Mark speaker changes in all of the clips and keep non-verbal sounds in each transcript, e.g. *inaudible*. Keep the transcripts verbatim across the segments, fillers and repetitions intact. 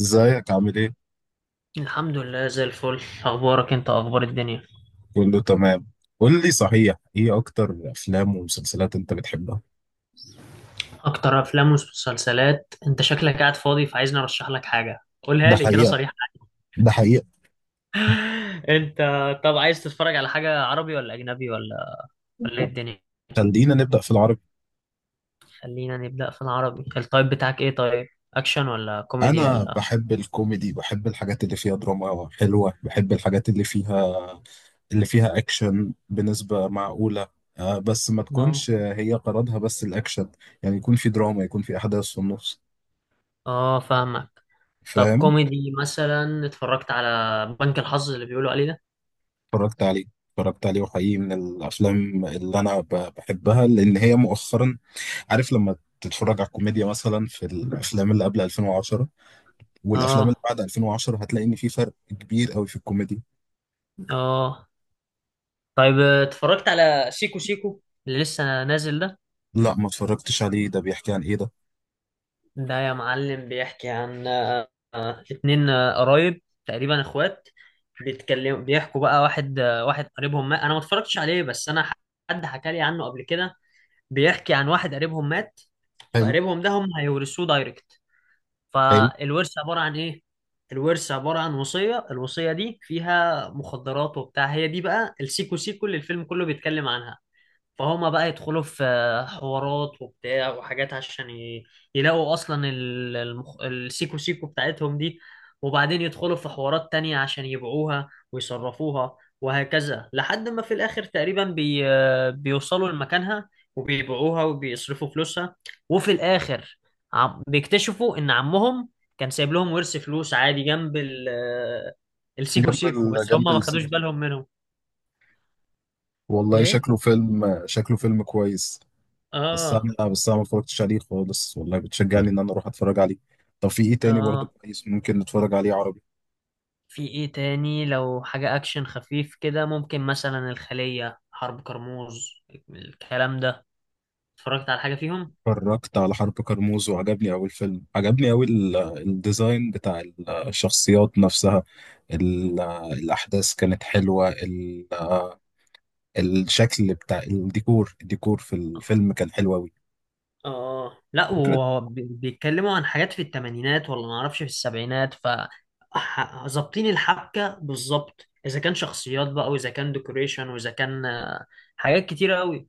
Speaker 1: ازيك عامل ايه؟
Speaker 2: الحمد لله زي الفل. اخبارك انت؟ اخبار الدنيا؟
Speaker 1: كله تمام. قول لي صحيح، ايه اكتر افلام ومسلسلات انت بتحبها؟
Speaker 2: اكتر افلام ومسلسلات؟ انت شكلك قاعد فاضي فعايزني ارشح لك حاجه، قولها
Speaker 1: ده
Speaker 2: لي كده
Speaker 1: حقيقة.
Speaker 2: صريحه.
Speaker 1: ده حقيقة.
Speaker 2: *laughs* انت. طب عايز تتفرج على حاجه عربي ولا اجنبي ولا ولا ايه الدنيا؟
Speaker 1: خلينا نبدأ في العربي.
Speaker 2: خلينا نبدا في العربي. التايب بتاعك ايه طيب؟ اكشن ولا كوميدي
Speaker 1: انا
Speaker 2: ولا؟
Speaker 1: بحب الكوميدي، بحب الحاجات اللي فيها دراما حلوة، بحب الحاجات اللي فيها اللي فيها اكشن بنسبة معقولة. آه، بس ما
Speaker 2: اه،
Speaker 1: تكونش هي غرضها بس الاكشن. يعني يكون في دراما، يكون في احداث في النص.
Speaker 2: اه، فاهمك. طب
Speaker 1: فاهم؟
Speaker 2: كوميدي مثلا، اتفرجت على بنك الحظ اللي بيقولوا عليه ده؟
Speaker 1: اتفرجت عليه. اتفرجت عليه وحقيقي من الافلام اللي انا ب- بحبها لان هي مؤخرا. عارف لما تتفرج على الكوميديا مثلا في الافلام اللي قبل ألفين وعشرة، والافلام اللي
Speaker 2: اه،
Speaker 1: بعد ألفين وعشرة هتلاقي ان في فرق كبير قوي في الكوميديا.
Speaker 2: اه. طيب اتفرجت على سيكو سيكو اللي لسه نازل ده؟
Speaker 1: لا، ما اتفرجتش عليه. ده بيحكي عن ايه ده؟
Speaker 2: ده يا معلم بيحكي عن آه، آه، اتنين آه، قرايب تقريبا، اخوات. بيتكلموا بيحكوا بقى. واحد آه، واحد قريبهم مات. انا ما اتفرجتش عليه، بس انا ح- حد حكى لي عنه قبل كده. بيحكي عن واحد قريبهم مات.
Speaker 1: حلو.
Speaker 2: فقريبهم ده هم هيورثوه دايركت.
Speaker 1: حلو.
Speaker 2: فالورث عبارة عن ايه؟ الورث عبارة عن وصية. الوصية دي فيها مخدرات وبتاع، هي دي بقى السيكو سيكو اللي الفيلم كله بيتكلم عنها. فهم بقى يدخلوا في حوارات وبتاع وحاجات عشان ي- يلاقوا اصلا ال- المخ... السيكو سيكو بتاعتهم دي. وبعدين يدخلوا في حوارات تانية عشان يبيعوها ويصرفوها، وهكذا لحد ما في الاخر تقريبا بي... بيوصلوا لمكانها. وبيبيعوها وبيصرفوا فلوسها. وفي الاخر، عم... بيكتشفوا ان عمهم كان سايب لهم ورث فلوس عادي جنب ال... السيكو
Speaker 1: جنب
Speaker 2: سيكو،
Speaker 1: ال...
Speaker 2: بس هم
Speaker 1: جنب
Speaker 2: ما
Speaker 1: السي
Speaker 2: خدوش
Speaker 1: جي.
Speaker 2: بالهم منهم.
Speaker 1: والله
Speaker 2: ايه.
Speaker 1: شكله فيلم شكله فيلم كويس. بس
Speaker 2: اه،
Speaker 1: انا بس انا ما اتفرجتش عليه خالص، والله بتشجعني ان انا اروح اتفرج عليه. طب في ايه تاني برضو
Speaker 2: اه،
Speaker 1: كويس ممكن نتفرج عليه عربي؟
Speaker 2: في ايه تاني؟ لو حاجة اكشن خفيف كده، ممكن مثلا الخلية، حرب كرموز، الكلام ده. اتفرجت على حاجة فيهم؟
Speaker 1: اتفرجت على حرب كرموز وعجبني أوي الفيلم، عجبني أوي ال- الديزاين بتاع ال- الشخصيات نفسها. ال- الأحداث كانت حلوة. ال- الشكل بتاع الديكور، الديكور في الفيلم كان حلو أوي.
Speaker 2: اه. لا،
Speaker 1: وفكرة...
Speaker 2: وهو بي- بيتكلموا عن حاجات في الثمانينات ولا ما اعرفش في السبعينات. ف ح- ظابطين الحبكة بالظبط، اذا كان شخصيات بقى، واذا كان ديكوريشن، واذا كان آه، حاجات كتيرة قوي.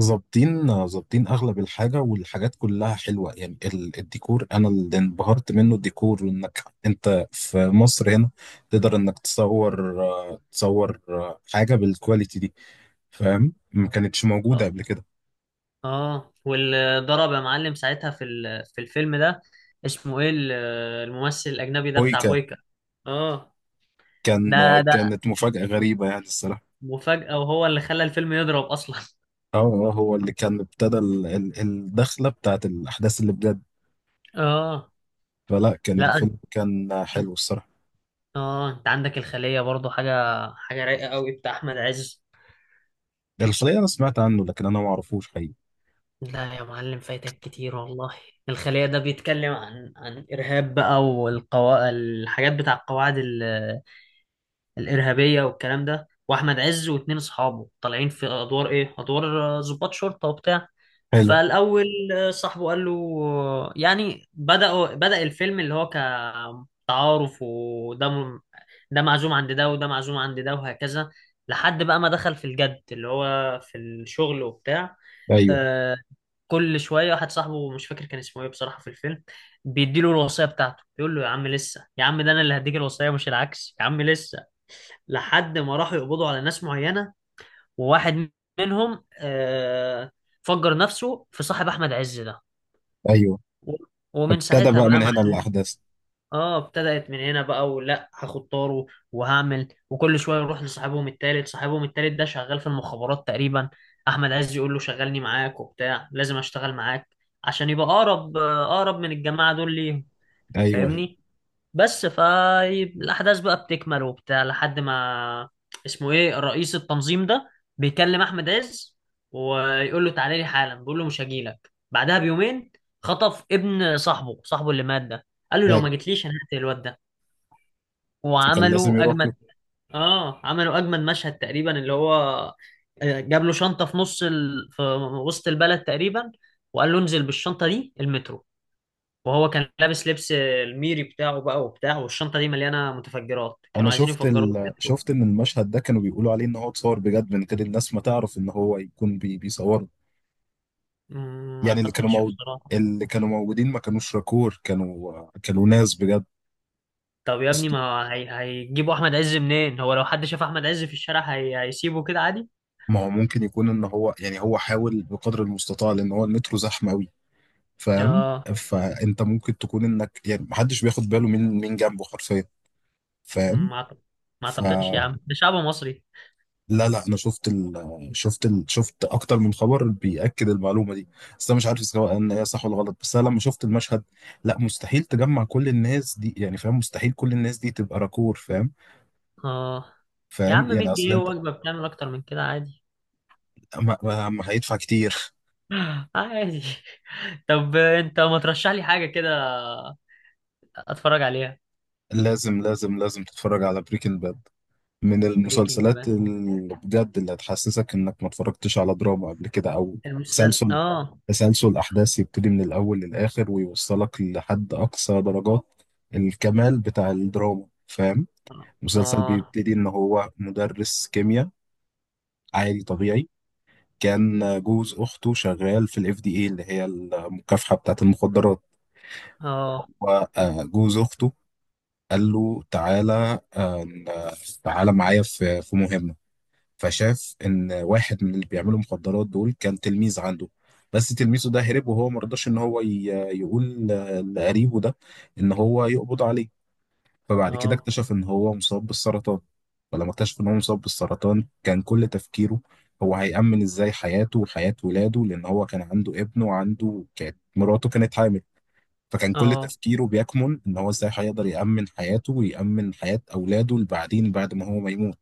Speaker 1: ظابطين ظابطين أغلب الحاجة، والحاجات كلها حلوة يعني. ال- الديكور أنا اللي انبهرت منه، الديكور. وإنك أنت في مصر هنا تقدر إنك تصور، آه، تصور آه، حاجة بالكواليتي دي. فاهم؟ ما كانتش موجودة
Speaker 2: اه،
Speaker 1: قبل كده.
Speaker 2: اه، واللي ضرب يا معلم ساعتها في ال- في الفيلم ده، اسمه ايه ال- الممثل الاجنبي ده
Speaker 1: كوي.
Speaker 2: بتاع بويكا؟ اه.
Speaker 1: كان...
Speaker 2: ده ده
Speaker 1: كانت مفاجأة غريبة يعني الصراحة.
Speaker 2: مفاجأة، وهو اللي خلى الفيلم يضرب أصلا.
Speaker 1: اه، آه، هو اللي كان ابتدى ال- ال- الدخلة بتاعت الأحداث اللي بجد.
Speaker 2: اه.
Speaker 1: فلا كان
Speaker 2: لا، أنت-
Speaker 1: الفيلم كان حلو الصراحة.
Speaker 2: اه، انت عندك الخلية برضو. حاجة حاجة رايقة قوي بتاع أحمد عز.
Speaker 1: الخلية أنا سمعت عنه، لكن أنا ما أعرفوش حقيقي.
Speaker 2: لا يا معلم، فايتك كتير والله. الخلية ده بيتكلم عن عن إرهاب بقى، والقوا الحاجات بتاع القواعد الارهابيه والكلام ده. واحمد عز واتنين اصحابه طالعين في ادوار ايه؟ ادوار آه، ضباط شرطه وبتاع.
Speaker 1: حلو.
Speaker 2: فالاول، آه، صاحبه قال له آه، يعني بدأوا بدأ الفيلم اللي هو كتعارف، وده م- ده معزوم عند ده وده معزوم عند ده، وهكذا لحد بقى ما دخل في الجد اللي هو في الشغل وبتاع.
Speaker 1: أيوه.
Speaker 2: آه، كل شويه واحد صاحبه، مش فاكر كان اسمه ايه بصراحه في الفيلم، بيديله الوصيه بتاعته، بيقول له يا عم لسه، يا عم ده انا اللي هديك الوصيه مش العكس، يا عم لسه. لحد ما راحوا يقبضوا على ناس معينة، وواحد منهم آه، فجر نفسه في صاحب أحمد عز ده.
Speaker 1: أيوه.
Speaker 2: و- ومن
Speaker 1: ابتدى
Speaker 2: ساعتها
Speaker 1: بقى
Speaker 2: بقى
Speaker 1: من
Speaker 2: مع...
Speaker 1: هنا الأحداث.
Speaker 2: اه. ابتدأت من هنا بقى ولا هاخد طاره وهعمل. وكل شوية يروح لصاحبهم التالت، صاحبهم التالت ده شغال في المخابرات تقريبا. أحمد عز يقول له شغلني معاك وبتاع، لازم أشتغل معاك عشان يبقى أقرب آه، أقرب من الجماعة دول ليهم.
Speaker 1: أيوه. أيوه.
Speaker 2: فاهمني. بس فالأحداث بقى بتكمل وبتاع لحد ما اسمه إيه رئيس التنظيم ده بيكلم أحمد عز، ويقول له تعالى لي حالا، بيقول له مش هجيلك بعدها بيومين. خطف ابن صاحبه، صاحبه اللي مات ده، قال له لو ما
Speaker 1: أيوه.
Speaker 2: جيتليش أنا هقتل الواد ده.
Speaker 1: فكان لازم
Speaker 2: وعملوا
Speaker 1: يروح
Speaker 2: أجمد
Speaker 1: له.
Speaker 2: آه عملوا أجمد مشهد تقريبا اللي هو آه، جاب له شنطة في نص ال... في وسط البلد تقريبا، وقال له انزل بالشنطة دي المترو. وهو كان لابس لبس الميري بتاعه بقى وبتاع، والشنطة دي مليانة متفجرات، كانوا
Speaker 1: أنا
Speaker 2: عايزين
Speaker 1: شفت
Speaker 2: يفجروا
Speaker 1: ال...
Speaker 2: المترو.
Speaker 1: شفت إن المشهد ده كانوا بيقولوا عليه إن هو اتصور بجد من غير الناس ما تعرف إن هو يكون بي... بيصوره.
Speaker 2: مم، ما
Speaker 1: يعني اللي كانوا
Speaker 2: اعتقدش
Speaker 1: موجود،
Speaker 2: بصراحة.
Speaker 1: اللي كانوا موجودين ما كانوش راكور، كانوا كانوا ناس بجد.
Speaker 2: طب يا ابني، ما هي... هيجيبوا احمد عز منين؟ هو لو حد شاف احمد عز في الشارع هي... هيسيبه كده عادي؟
Speaker 1: ما هو ممكن يكون ان هو، يعني هو حاول بقدر المستطاع لان هو المترو زحمه قوي. فاهم؟
Speaker 2: اه.
Speaker 1: فانت ممكن تكون انك يعني محدش بياخد باله من من جنبه حرفيا. فاهم؟
Speaker 2: ما أعتقد... ما اعتقدش يا
Speaker 1: فلا،
Speaker 2: عم، ده شعب مصري.
Speaker 1: لا، لا، انا شفت ال... شفت ال... شفت اكتر من خبر بيأكد المعلومه دي. بس انا مش عارف سواء ان هي صح ولا غلط، بس انا لما شفت المشهد... لا مستحيل تجمع كل الناس دي يعني. فاهم؟ مستحيل كل الناس دي تبقى راكور. فاهم؟
Speaker 2: اه، يا
Speaker 1: فاهم
Speaker 2: عم، 100
Speaker 1: يعني اصل
Speaker 2: جنيه
Speaker 1: انت...
Speaker 2: ووجبة بتعمل اكتر من كده عادي.
Speaker 1: ما ما- ما هيدفع كتير.
Speaker 2: *laughs* عادي. طب انت ما ترشح لي حاجة كده، اتفرج عليها؟
Speaker 1: لازم لازم لازم تتفرج على بريكنج باد. من
Speaker 2: بريكنج
Speaker 1: المسلسلات
Speaker 2: بقى،
Speaker 1: اللي بجد، اللي هتحسسك انك ما اتفرجتش على دراما قبل كده. او
Speaker 2: المسلسل.
Speaker 1: تسلسل،
Speaker 2: اه.
Speaker 1: تسلسل احداث يبتدي من الاول للاخر ويوصلك لحد اقصى درجات الكمال بتاع الدراما. فاهم؟ مسلسل
Speaker 2: اه.
Speaker 1: بيبتدي ان هو مدرس كيمياء عادي طبيعي. كان جوز اخته شغال في الاف دي اي، اللي هي المكافحة بتاعه المخدرات.
Speaker 2: اه.
Speaker 1: وجوز اخته قال له تعالى، آه، تعالى معايا في في مهمة. فشاف ان واحد من اللي بيعملوا مخدرات دول كان تلميذ عنده، بس تلميذه ده هرب. وهو ما رضاش ان هو ي- يقول ل- لقريبه ده ان هو يقبض عليه. فبعد كده
Speaker 2: اه.
Speaker 1: اكتشف ان هو مصاب بالسرطان. فلما اكتشف ان هو مصاب بالسرطان، كان كل تفكيره هو هيأمن ازاي حياته وحياة ولاده. لان هو كان عنده ابن، وعنده كانت مراته كانت حامل. فكان كل
Speaker 2: اه.
Speaker 1: تفكيره بيكمن ان هو ازاي هيقدر يأمن حياته، ويأمن حياة اولاده اللي بعدين بعد ما هو ما يموت.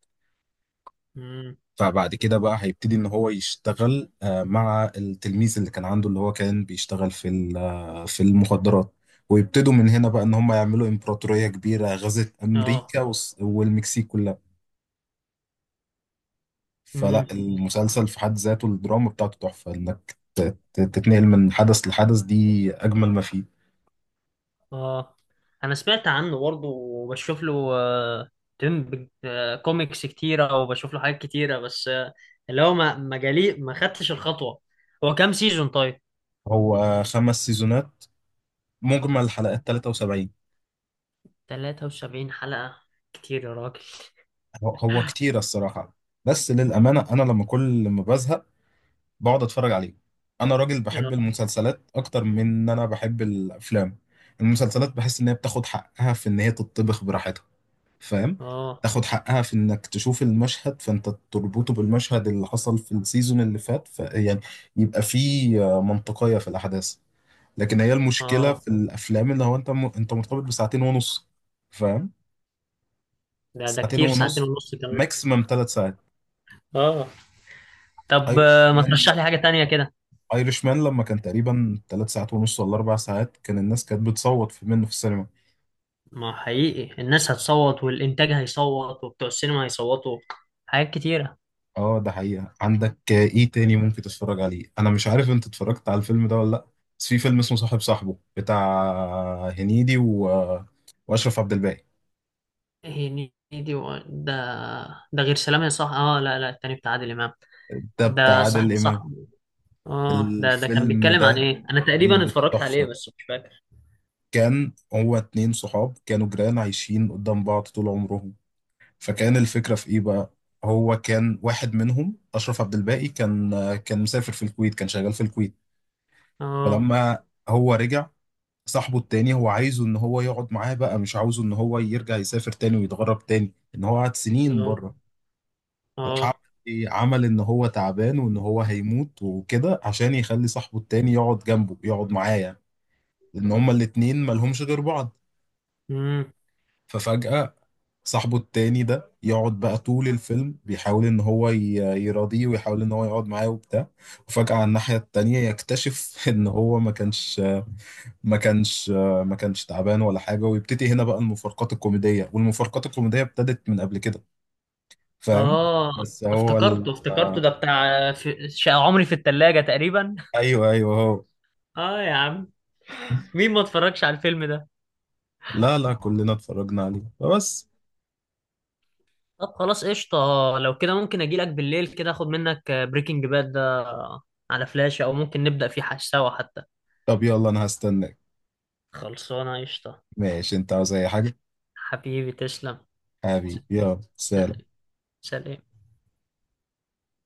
Speaker 2: امم.
Speaker 1: فبعد كده بقى هيبتدي ان هو يشتغل آه، مع التلميذ اللي كان عنده، اللي هو كان بيشتغل في ال- آه، في المخدرات. ويبتدوا من هنا بقى ان هم يعملوا امبراطورية كبيرة غزت
Speaker 2: اه.
Speaker 1: امريكا والس- والمكسيك كلها.
Speaker 2: امم.
Speaker 1: فلا المسلسل في حد ذاته الدراما بتاعته تحفة. انك ت- ت- تتنقل من حدث لحدث، دي اجمل ما فيه.
Speaker 2: اه، انا سمعت عنه برضه، وبشوف له آه، تم آه، كوميكس كتيره، وبشوف له حاجات كتيره، بس آه، اللي هو ما ما جالي، ما خدتش الخطوه. هو كام سيزون طيب؟
Speaker 1: هو خمس سيزونات، مجمل حلقات ثلاثة وسبعين.
Speaker 2: تلاتة وسبعين حلقه؟ كتير يا راجل.
Speaker 1: هو هو كتير الصراحة. بس
Speaker 2: اه.
Speaker 1: للأمانة أنا لما كل ما بزهق بقعد اتفرج عليه. انا راجل بحب المسلسلات اكتر من ان انا بحب الافلام. المسلسلات بحس ان هي بتاخد حقها في ان هي تطبخ براحتها. فاهم؟
Speaker 2: اه.
Speaker 1: تاخد حقها في انك تشوف المشهد فانت تربطه بالمشهد اللي حصل في السيزون اللي فات، ف يعني يبقى فيه آه، منطقية في الاحداث. لكن هي المشكلة
Speaker 2: اه،
Speaker 1: في الافلام اللي هو انت م... انت مرتبط بساعتين ونص. فاهم؟
Speaker 2: ده ده
Speaker 1: ساعتين
Speaker 2: كتير،
Speaker 1: مم.
Speaker 2: ساعتين
Speaker 1: ونص.
Speaker 2: ونص كمان؟
Speaker 1: ماكسيمم ثلاث ساعات.
Speaker 2: اه. طب
Speaker 1: ايرش
Speaker 2: آه، ما
Speaker 1: مان.
Speaker 2: ترشح لي حاجه تانية كده؟
Speaker 1: ايرش مان لما كان تقريبا ثلاث ساعات ونص ولا اربع ساعات، كان الناس كانت بتصوت في منه في السينما.
Speaker 2: ما حقيقي، الناس هتصوت والانتاج هيصوت وبتوع السينما هيصوتوا، حاجات كتيره.
Speaker 1: اه، ده حقيقة. عندك ايه تاني ممكن تتفرج عليه؟ انا مش عارف انت اتفرجت على الفيلم ده ولا لا، بس في فيلم اسمه صاحب صاحبه بتاع هنيدي و... واشرف عبد الباقي.
Speaker 2: هي نيدي و... ده؟ ده غير سلام يا صح. اه، لا، لا، التاني بتاع عادل امام؟
Speaker 1: ده بتاع
Speaker 2: ده صاحب
Speaker 1: عادل امام.
Speaker 2: صاحب. اه، ده ده كان
Speaker 1: الفيلم
Speaker 2: بيتكلم عن
Speaker 1: ده
Speaker 2: ايه؟ انا
Speaker 1: الفيلم
Speaker 2: تقريبا
Speaker 1: ده
Speaker 2: اتفرجت عليه
Speaker 1: تحفة.
Speaker 2: بس مش فاكر.
Speaker 1: كان هو اتنين صحاب كانوا جيران عايشين قدام بعض طول عمرهم. فكان الفكرة في إيه بقى؟ هو كان واحد منهم أشرف عبد الباقي، كان كان مسافر في الكويت، كان شغال في الكويت.
Speaker 2: اه.
Speaker 1: فلما هو رجع، صاحبه التاني هو عايزه إن هو يقعد معاه بقى، مش عاوزه إن هو يرجع يسافر تاني ويتغرب تاني إن هو قعد سنين
Speaker 2: اه.
Speaker 1: بره. راح عمل
Speaker 2: اه.
Speaker 1: إيه؟ عمل إن هو تعبان وإن هو هيموت وكده، عشان يخلي صاحبه التاني يقعد جنبه يقعد معاه يعني. لأن هما الاتنين مالهمش غير بعض.
Speaker 2: امم.
Speaker 1: ففجأة صاحبه التاني ده يقعد بقى طول الفيلم بيحاول ان هو ي- يراضيه، ويحاول ان هو يقعد معاه وبتاع. وفجأة على الناحية التانية يكتشف *laughs* ان هو ما كانش ما كانش ما كانش تعبان ولا حاجة. ويبتدي هنا بقى المفارقات الكوميدية، والمفارقات الكوميدية ابتدت من قبل كده. فاهم؟
Speaker 2: اه،
Speaker 1: بس هو ال...
Speaker 2: افتكرته افتكرته،
Speaker 1: آه،
Speaker 2: ده بتاع في... شقة عمري في التلاجة تقريبا. *laughs*
Speaker 1: ايوه. ايوه هو.
Speaker 2: اه يا عم، مين ما اتفرجش على الفيلم ده؟
Speaker 1: لا لا، كلنا اتفرجنا عليه بس...
Speaker 2: طب خلاص قشطة. لو كده ممكن اجي لك بالليل كده، اخد منك بريكنج باد ده على فلاشة، او ممكن نبدأ فيه حش- سوا حتى.
Speaker 1: طب يلا انا هستناك.
Speaker 2: خلصانة قشطة.
Speaker 1: ماشي، انت عاوز اي حاجة؟
Speaker 2: حبيبي تسلم. س-
Speaker 1: حبيبي يلا
Speaker 2: س-
Speaker 1: سلام.
Speaker 2: سلام.